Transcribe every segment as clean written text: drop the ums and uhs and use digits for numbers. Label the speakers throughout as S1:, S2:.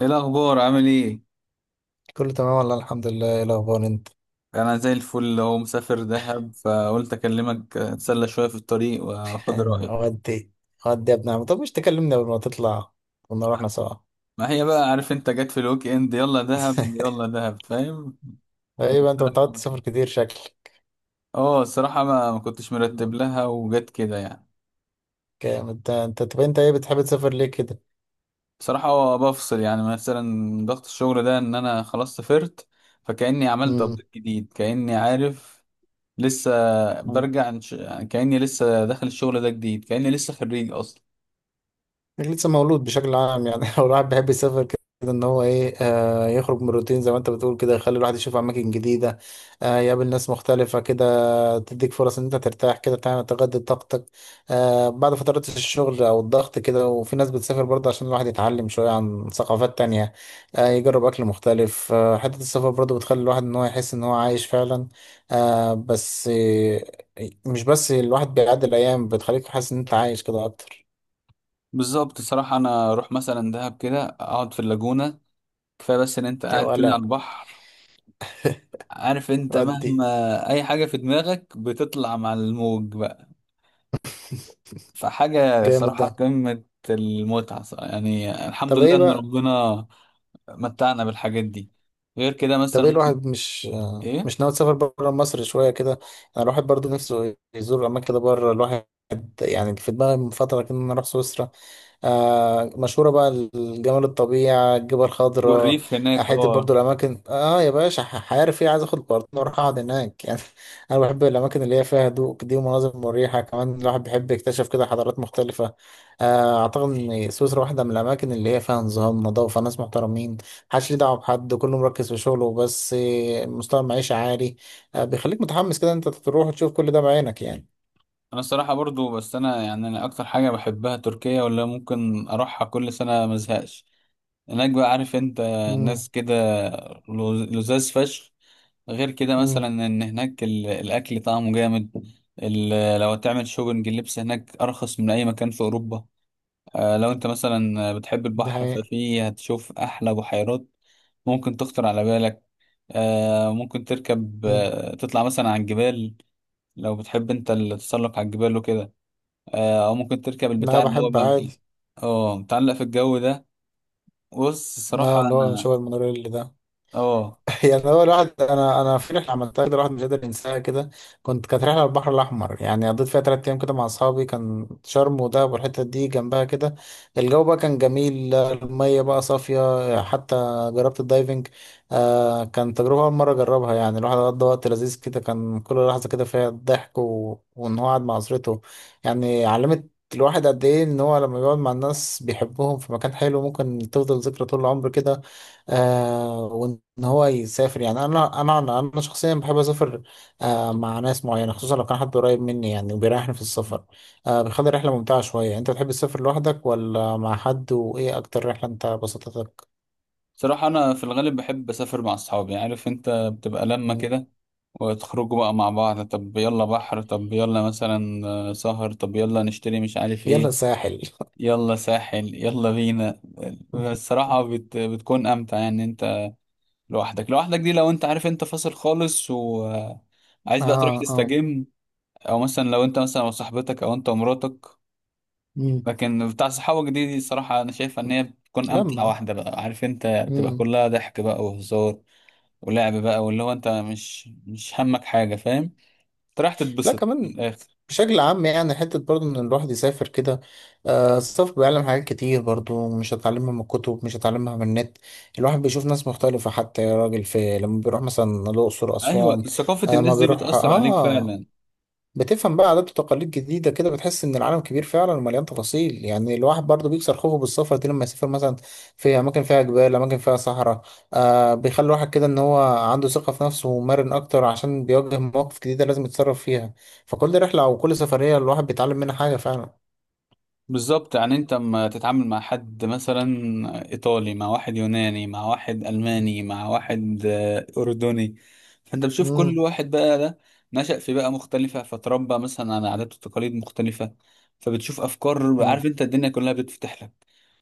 S1: ايه الاخبار؟ عامل ايه؟
S2: كله تمام، والله الحمد لله. ايه الاخبار انت؟
S1: انا زي الفل اهو، مسافر دهب، فقلت اكلمك اتسلى شويه في الطريق واخد رايك.
S2: ودي، ودي يا ابن عم. طب مش تكلمني قبل ما تطلع؟ كنا رحنا سوا.
S1: ما هي بقى، عارف انت، جت في الويك اند يلا دهب يلا دهب، فاهم.
S2: ايه بقى، انت متعود
S1: بصراحة-
S2: تسافر كتير شكلك؟
S1: اه، الصراحه ما كنتش مرتب لها وجت كده يعني.
S2: جامد ده. انت طب انت ايه بتحب تسافر ليه كده؟
S1: بصراحه هو بفصل، يعني مثلا ضغط الشغل ده ان انا خلاص سافرت. فكاني عملت ابديت جديد، كاني عارف لسه
S2: امم
S1: برجع عن يعني كاني لسه داخل الشغل ده جديد، كاني لسه خريج اصلا.
S2: إنك لسه مولود بشكل عام يعني. لو الواحد بيحب يسافر كده، ان هو ايه، يخرج من الروتين زي ما انت بتقول كده، يخلي الواحد يشوف اماكن جديده. يقابل ناس مختلفه كده، تديك فرص ان انت ترتاح، كده تعمل تجدد طاقتك. بعد فترات الشغل او الضغط كده، وفي ناس بتسافر برضه عشان الواحد يتعلم شويه عن ثقافات تانية. يجرب اكل مختلف. حته السفر برضه بتخلي الواحد ان هو يحس ان هو عايش فعلا. بس مش بس الواحد بيعدي الايام، بتخليك حاسس ان انت عايش كده اكتر.
S1: بالظبط صراحة، أنا أروح مثلا دهب كده أقعد في اللاجونة. كفاية بس إن أنت
S2: يا
S1: قاعد كده
S2: ولا،
S1: على البحر، عارف أنت،
S2: ادي.
S1: مهما أي حاجة في دماغك بتطلع مع الموج بقى، فحاجة
S2: جامد
S1: صراحة
S2: ده.
S1: قمة المتعة صراحة. يعني الحمد
S2: طب
S1: لله
S2: ايه
S1: إن
S2: بقى
S1: ربنا متعنا بالحاجات دي. غير كده
S2: طب
S1: مثلا
S2: ايه
S1: ممكن
S2: الواحد مش
S1: إيه،
S2: مش ناوي تسافر بره مصر شوية كده؟ انا الواحد برضو نفسه يزور اماكن كده بره. الواحد يعني في دماغي من فترة كده ان انا اروح سويسرا. مشهورة بقى، الجمال، الطبيعة، الجبال الخضراء.
S1: والريف هناك
S2: حتة برضو
S1: أه.
S2: الاماكن، يا باشا، عارف ايه، عايز اخد بارتنر واروح اقعد هناك يعني. انا بحب الاماكن اللي هي فيها هدوء دي ومناظر مريحة، كمان الواحد بيحب يكتشف كده حضارات مختلفة. اعتقد ان سويسرا واحدة من الاماكن اللي هي فيها نظام، نظافة، ناس محترمين. محدش ليه دعوه بحد، كله مركز في شغله بس، مستوى المعيشه عالي. بيخليك متحمس كده انت تروح تشوف كل ده بعينك يعني.
S1: أنا الصراحة برضو، بس أنا يعني أنا أكتر حاجة بحبها تركيا، ولا ممكن أروحها كل سنة مزهقش. الأجواء، عارف انت، الناس
S2: امم.
S1: كده، لزاز فشخ. غير كده
S2: امم.
S1: مثلا ان هناك الاكل طعمه جامد. لو تعمل شوبنج، اللبس هناك ارخص من اي مكان في اوروبا. آه، لو انت مثلا بتحب
S2: ده
S1: البحر
S2: حقيقي.
S1: ففي هتشوف احلى بحيرات ممكن تخطر على بالك. آه، ممكن تركب،
S2: مم.
S1: تطلع مثلا على الجبال، لو بتحب انت التسلق على الجبال وكده. آه، او ممكن تركب
S2: لا،
S1: البتاع اللي هو
S2: بحب
S1: بقى فيه،
S2: عادي.
S1: اه، متعلق في الجو ده. بص،
S2: لا،
S1: الصراحة
S2: اللي هو
S1: انا
S2: شغل المونوريل ده.
S1: اه
S2: يعني هو الواحد، انا في رحله عملتها كده، الواحد مش قادر ينساها كده. كانت رحله على البحر الاحمر، يعني قضيت فيها 3 ايام كده مع اصحابي، كان شرم ودهب والحته دي جنبها كده. الجو بقى كان جميل، الميه بقى صافيه حتى. جربت الدايفنج. كان تجربه اول مره اجربها، يعني الواحد قضى وقت لذيذ كده، كان كل لحظه كده فيها ضحك وان هو قاعد مع اسرته. يعني علمت الواحد قد ايه ان هو لما بيقعد مع الناس بيحبهم في مكان حلو ممكن تفضل ذكرى طول العمر كده. وان هو يسافر، يعني انا انا انا أنا شخصيا بحب اسافر. مع ناس معينه، خصوصا لو كان حد قريب مني يعني وبيريحني في السفر. بيخلي الرحله ممتعه شويه. انت بتحب تسافر لوحدك ولا مع حد؟ وايه اكتر رحله انت بسطتك؟
S1: صراحة أنا في الغالب بحب أسافر مع أصحابي، عارف أنت، بتبقى لما
S2: مم.
S1: كده وتخرجوا بقى مع بعض، طب يلا بحر، طب يلا مثلا سهر، طب يلا نشتري مش عارف
S2: يلا
S1: إيه،
S2: ساحل.
S1: يلا ساحل يلا بينا. الصراحة بتكون أمتع يعني أنت لوحدك. لوحدك دي لو أنت، عارف أنت، فاصل خالص وعايز بقى تروح
S2: اه، اه.
S1: تستجم، أو مثلا لو أنت مثلا وصاحبتك أو أنت ومراتك.
S2: مم.
S1: لكن بتاع صحابك دي الصراحة أنا شايفها إن هي بتكون أمتع
S2: لما.
S1: واحدة بقى، عارف أنت، بتبقى
S2: مم.
S1: كلها ضحك بقى وهزار ولعب بقى، واللي هو انت مش همك حاجه، فاهم، انت رايح
S2: لا،
S1: تتبسط من
S2: كمان.
S1: الاخر.
S2: بشكل عام يعني حتة برضو إن الواحد يسافر كده. السفر بيعلم حاجات كتير برضو، مش هتعلمها من الكتب، مش هتعلمها من النت. الواحد بيشوف ناس مختلفة، حتى يا راجل في لما بيروح مثلا الأقصر،
S1: ايوه،
S2: أسوان.
S1: ثقافه
S2: ما
S1: الناس دي
S2: بيروح
S1: بتاثر عليك فعلا.
S2: بتفهم بقى عادات وتقاليد جديدة كده، بتحس إن العالم كبير فعلا ومليان تفاصيل، يعني الواحد برضه بيكسر خوفه بالسفر دي لما يسافر مثلا في أماكن فيها جبال، أماكن فيها صحراء. بيخلي الواحد كده إن هو عنده ثقة في نفسه ومرن أكتر، عشان بيواجه مواقف جديدة لازم يتصرف فيها. فكل رحلة أو كل سفرية الواحد بيتعلم منها حاجة فعلا.
S1: بالظبط، يعني انت اما تتعامل مع حد مثلا ايطالي، مع واحد يوناني، مع واحد الماني، مع واحد اردني، فانت بتشوف كل
S2: مم.
S1: واحد بقى ده نشأ في بيئة مختلفة، فتربى مثلا على عادات وتقاليد مختلفة. فبتشوف افكار،
S2: مم.
S1: عارف انت، الدنيا كلها بتفتح لك.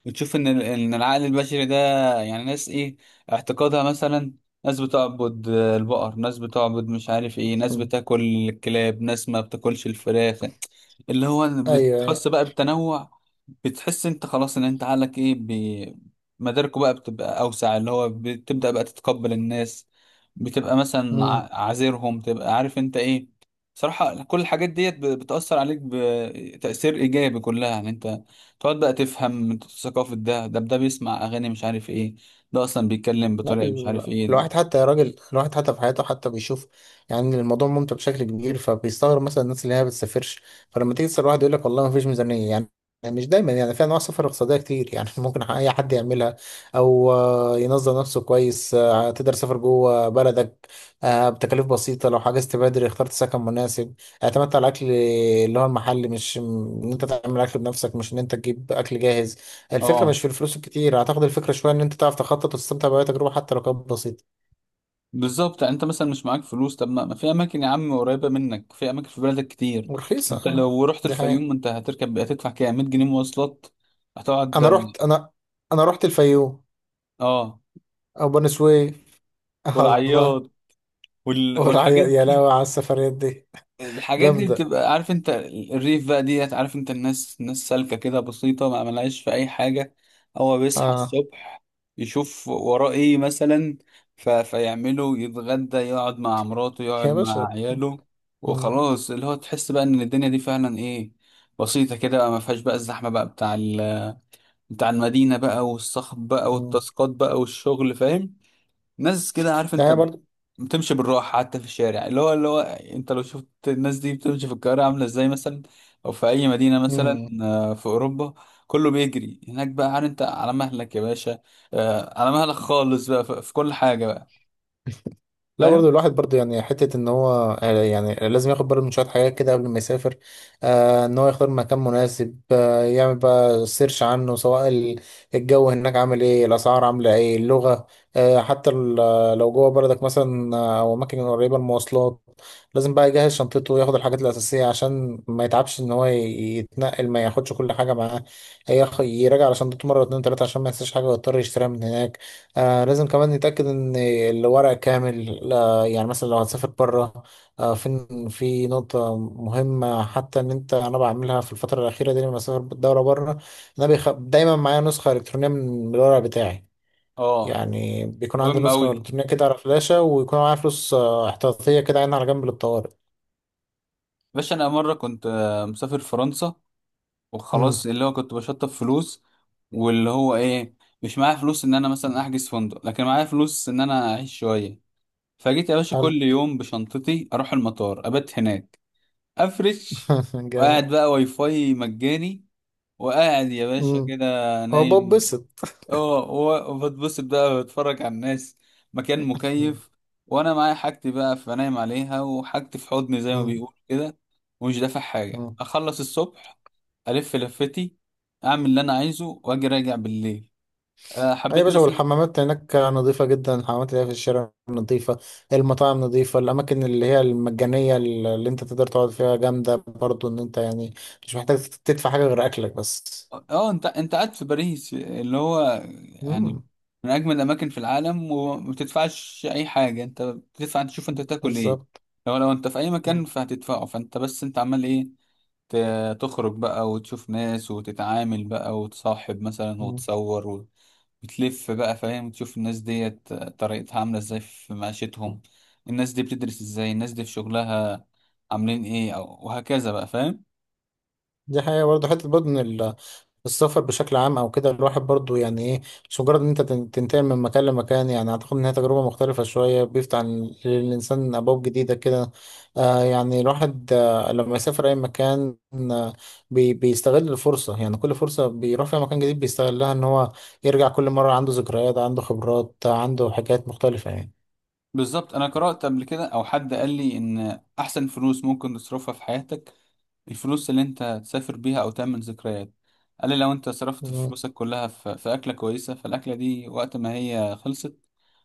S1: بتشوف ان ان العقل البشري ده، يعني ناس ايه اعتقادها مثلا، ناس بتعبد البقر، ناس بتعبد مش عارف ايه، ناس
S2: مم.
S1: بتاكل الكلاب، ناس ما بتاكلش الفراخ. اللي هو
S2: أيوه، أيوه.
S1: بتحس بقى بالتنوع، بتحس انت خلاص ان انت عقلك ايه مداركه بقى بتبقى اوسع، اللي هو بتبدأ بقى تتقبل الناس، بتبقى مثلا
S2: مم.
S1: عازرهم، تبقى عارف انت ايه. صراحة كل الحاجات ديت بتأثر عليك بتأثير إيجابي كلها، يعني أنت تقعد بقى تفهم ثقافة ده، ده ده بيسمع أغاني مش عارف إيه، ده أصلا بيتكلم
S2: لا،
S1: بطريقة مش عارف إيه.
S2: الواحد حتى يا راجل، الواحد حتى في حياته حتى بيشوف. يعني الموضوع ممتع بشكل كبير، فبيستغرب مثلا الناس اللي هي ما بتسافرش. فلما تيجي تسأل واحد يقول لك والله ما فيش ميزانية يعني. يعني مش دايما، يعني في انواع سفر اقتصاديه كتير يعني ممكن اي حد يعملها. او ينظم نفسه كويس. تقدر تسافر جوه بلدك بتكاليف بسيطه، لو حجزت بدري، اخترت سكن مناسب، اعتمدت على الاكل اللي هو المحلي، مش ان انت تعمل اكل بنفسك، مش ان انت تجيب اكل جاهز. الفكرة مش
S1: اه،
S2: في الفلوس الكتير، أعتقد الفكرة شوية إن أنت تعرف تخطط وتستمتع بأي تجربة حتى لو كانت بسيطة
S1: بالظبط، يعني انت مثلا مش معاك فلوس، طب ما في اماكن يا عم قريبه منك، في اماكن في بلدك كتير.
S2: ورخيصة،
S1: انت
S2: أه.
S1: لو رحت
S2: دي حقيقة.
S1: الفيوم انت هتركب هتدفع كام، 100 جنيه مواصلات. هتقعد،
S2: أنا رحت أنا أنا رحت الفيوم
S1: اه،
S2: أو بني سويف. الله.
S1: والعياط
S2: والعيا،
S1: والحاجات
S2: يا
S1: دي.
S2: لهوي على السفريات دي.
S1: الحاجات دي
S2: جامدة.
S1: بتبقى، عارف انت، الريف بقى ديت، عارف انت، الناس الناس سالكة كده بسيطة، ما ملهاش في اي حاجة. هو بيصحى
S2: أه،
S1: الصبح، يشوف وراه ايه مثلا، فيعمله، يتغدى، يقعد مع مراته، يقعد
S2: يا
S1: مع
S2: باشا.
S1: عياله،
S2: مم.
S1: وخلاص، اللي هو تحس بقى ان الدنيا دي فعلا ايه، بسيطة كده بقى، ما فيهاش بقى الزحمة بقى بتاع بتاع المدينة بقى، والصخب بقى،
S2: مم.
S1: والتاسكات بقى، والشغل، فاهم. ناس كده، عارف
S2: ده
S1: انت، بتمشي بالراحه حتى في الشارع. اللي هو انت لو شفت الناس دي بتمشي في القاهره عامله ازاي مثلا، او في اي مدينه مثلا
S2: برضه،
S1: في اوروبا، كله بيجري هناك بقى. عارف انت، على مهلك يا باشا، على مهلك خالص بقى في كل حاجه بقى،
S2: لا برضو
S1: فاهم.
S2: الواحد برضو يعني حتة ان هو يعني لازم ياخد باله من شوية حاجات كده قبل ما يسافر. ان هو يختار مكان مناسب، يعمل بقى سيرش عنه، سواء الجو هناك عامل ايه، الاسعار عاملة ايه، اللغة. حتى لو جوه بلدك مثلا، او اماكن قريبة، المواصلات. لازم بقى يجهز شنطته وياخد الحاجات الاساسية عشان ما يتعبش ان هو يتنقل، ما ياخدش كل حاجة معاه. يراجع على شنطته مرة اتنين تلاتة عشان ما ينساش حاجة ويضطر يشتريها من هناك. لازم كمان نتأكد إن الورق كامل، يعني مثلا لو هتسافر بره، فين في نقطة مهمة حتى إن أنا بعملها في الفترة الأخيرة دي، لما بسافر بالدورة بره، إن أنا دايما معايا نسخة إلكترونية من الورق بتاعي.
S1: اه،
S2: يعني بيكون عندي
S1: مهم قوي
S2: نسخة
S1: دي.
S2: إلكترونية كده على فلاشة، ويكون معايا فلوس احتياطية كده، عينها على جنب للطوارئ.
S1: باشا، انا مره كنت مسافر فرنسا،
S2: مم.
S1: وخلاص اللي هو كنت بشطب فلوس، واللي هو ايه، مش معايا فلوس ان انا مثلا احجز فندق، لكن معايا فلوس ان انا اعيش شويه. فجيت يا باشا
S2: حلو.
S1: كل يوم بشنطتي اروح المطار ابات هناك، افرش
S2: جامد.
S1: وقاعد بقى، واي فاي مجاني، وقاعد يا باشا
S2: مم.
S1: كده
S2: هو
S1: نايم.
S2: ببسط.
S1: اه، وبتبسط بقى، بتفرج على الناس، مكان مكيف، وانا معايا حاجتي بقى فنايم عليها، وحاجتي في حضني زي ما
S2: مم.
S1: بيقول كده، ومش دافع حاجة.
S2: مم.
S1: اخلص الصبح، الف لفتي، اعمل اللي انا عايزه، واجي راجع بالليل.
S2: أي يا
S1: حبيت
S2: باشا،
S1: مثلا.
S2: والحمامات هناك نظيفة جدا، الحمامات اللي هي في الشارع نظيفة، المطاعم نظيفة، الأماكن اللي هي المجانية اللي أنت تقدر تقعد فيها جامدة برضو، إن أنت يعني مش محتاج تدفع حاجة غير أكلك بس.
S1: اه، انت قاعد في باريس، اللي هو يعني
S2: مم.
S1: من اجمل الاماكن في العالم، وما بتدفعش اي حاجه، انت بتدفع انت تشوف انت تاكل ايه.
S2: بالظبط.
S1: لو انت في اي مكان فهتدفعه، فانت بس انت عمال ايه، تخرج بقى وتشوف ناس وتتعامل بقى وتصاحب مثلا،
S2: مم.
S1: وتصور وتلف بقى، فاهم، تشوف الناس ديت طريقتها عامله ازاي في معيشتهم، الناس دي بتدرس ازاي، الناس دي في شغلها عاملين ايه، او وهكذا بقى، فاهم.
S2: دي حقيقة برضه، حتة برضه إن السفر بشكل عام أو كده الواحد برضه يعني إيه، مش مجرد إن أنت تنتقل من مكان لمكان، يعني أعتقد إن هي تجربة مختلفة شوية، بيفتح للإنسان أبواب جديدة كده. يعني الواحد لما يسافر أي مكان، آه بيستغل الفرصة، يعني كل فرصة بيروح فيها مكان جديد بيستغلها إن هو يرجع كل مرة عنده ذكريات، عنده خبرات، عنده حاجات مختلفة يعني.
S1: بالظبط، انا قرأت قبل كده او حد قال لي ان احسن فلوس ممكن تصرفها في حياتك الفلوس اللي انت تسافر بيها او تعمل ذكريات. قال لي لو انت صرفت
S2: مم.
S1: فلوسك كلها في, اكلة كويسة فالاكلة دي وقت ما هي خلصت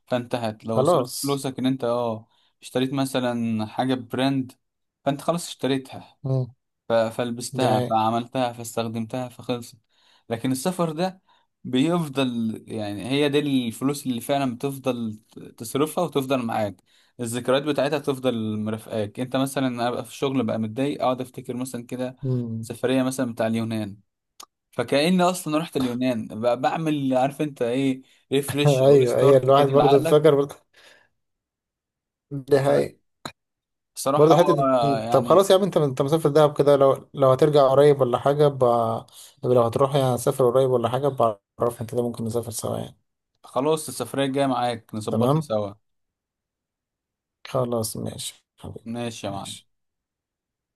S1: فانتهت. لو صرفت
S2: خلاص.
S1: فلوسك ان انت اشتريت مثلا حاجة براند، فانت خلاص اشتريتها،
S2: مم. دي
S1: فلبستها
S2: حقيقة.
S1: فعملتها فاستخدمتها فخلصت. لكن السفر ده بيفضل، يعني هي دي الفلوس اللي فعلا بتفضل تصرفها وتفضل معاك الذكريات بتاعتها، تفضل مرافقاك انت. مثلا ابقى في الشغل بقى متضايق، اقعد افتكر مثلا كده
S2: مم.
S1: سفرية مثلا بتاع اليونان، فكأني اصلا رحت اليونان بقى، بعمل عارف انت ايه، ريفرش او
S2: أيوه، أيوه،
S1: ريستارت كده
S2: الواحد برضه
S1: لعقلك.
S2: فاكر برضه. دي حقيقة.
S1: فبصراحة
S2: برضه
S1: هو
S2: حتة طب
S1: يعني
S2: خلاص يا عم، انت مسافر دهب كده؟ لو هترجع قريب ولا حاجة لو هتروح يعني، هتسافر قريب ولا حاجة؟ بعرفني كده ممكن نسافر سوا يعني.
S1: خلاص، السفرية الجاية معاك نظبطها
S2: تمام.
S1: سوا.
S2: خلاص ماشي حبيبي.
S1: ماشي يا معلم.
S2: ماشي.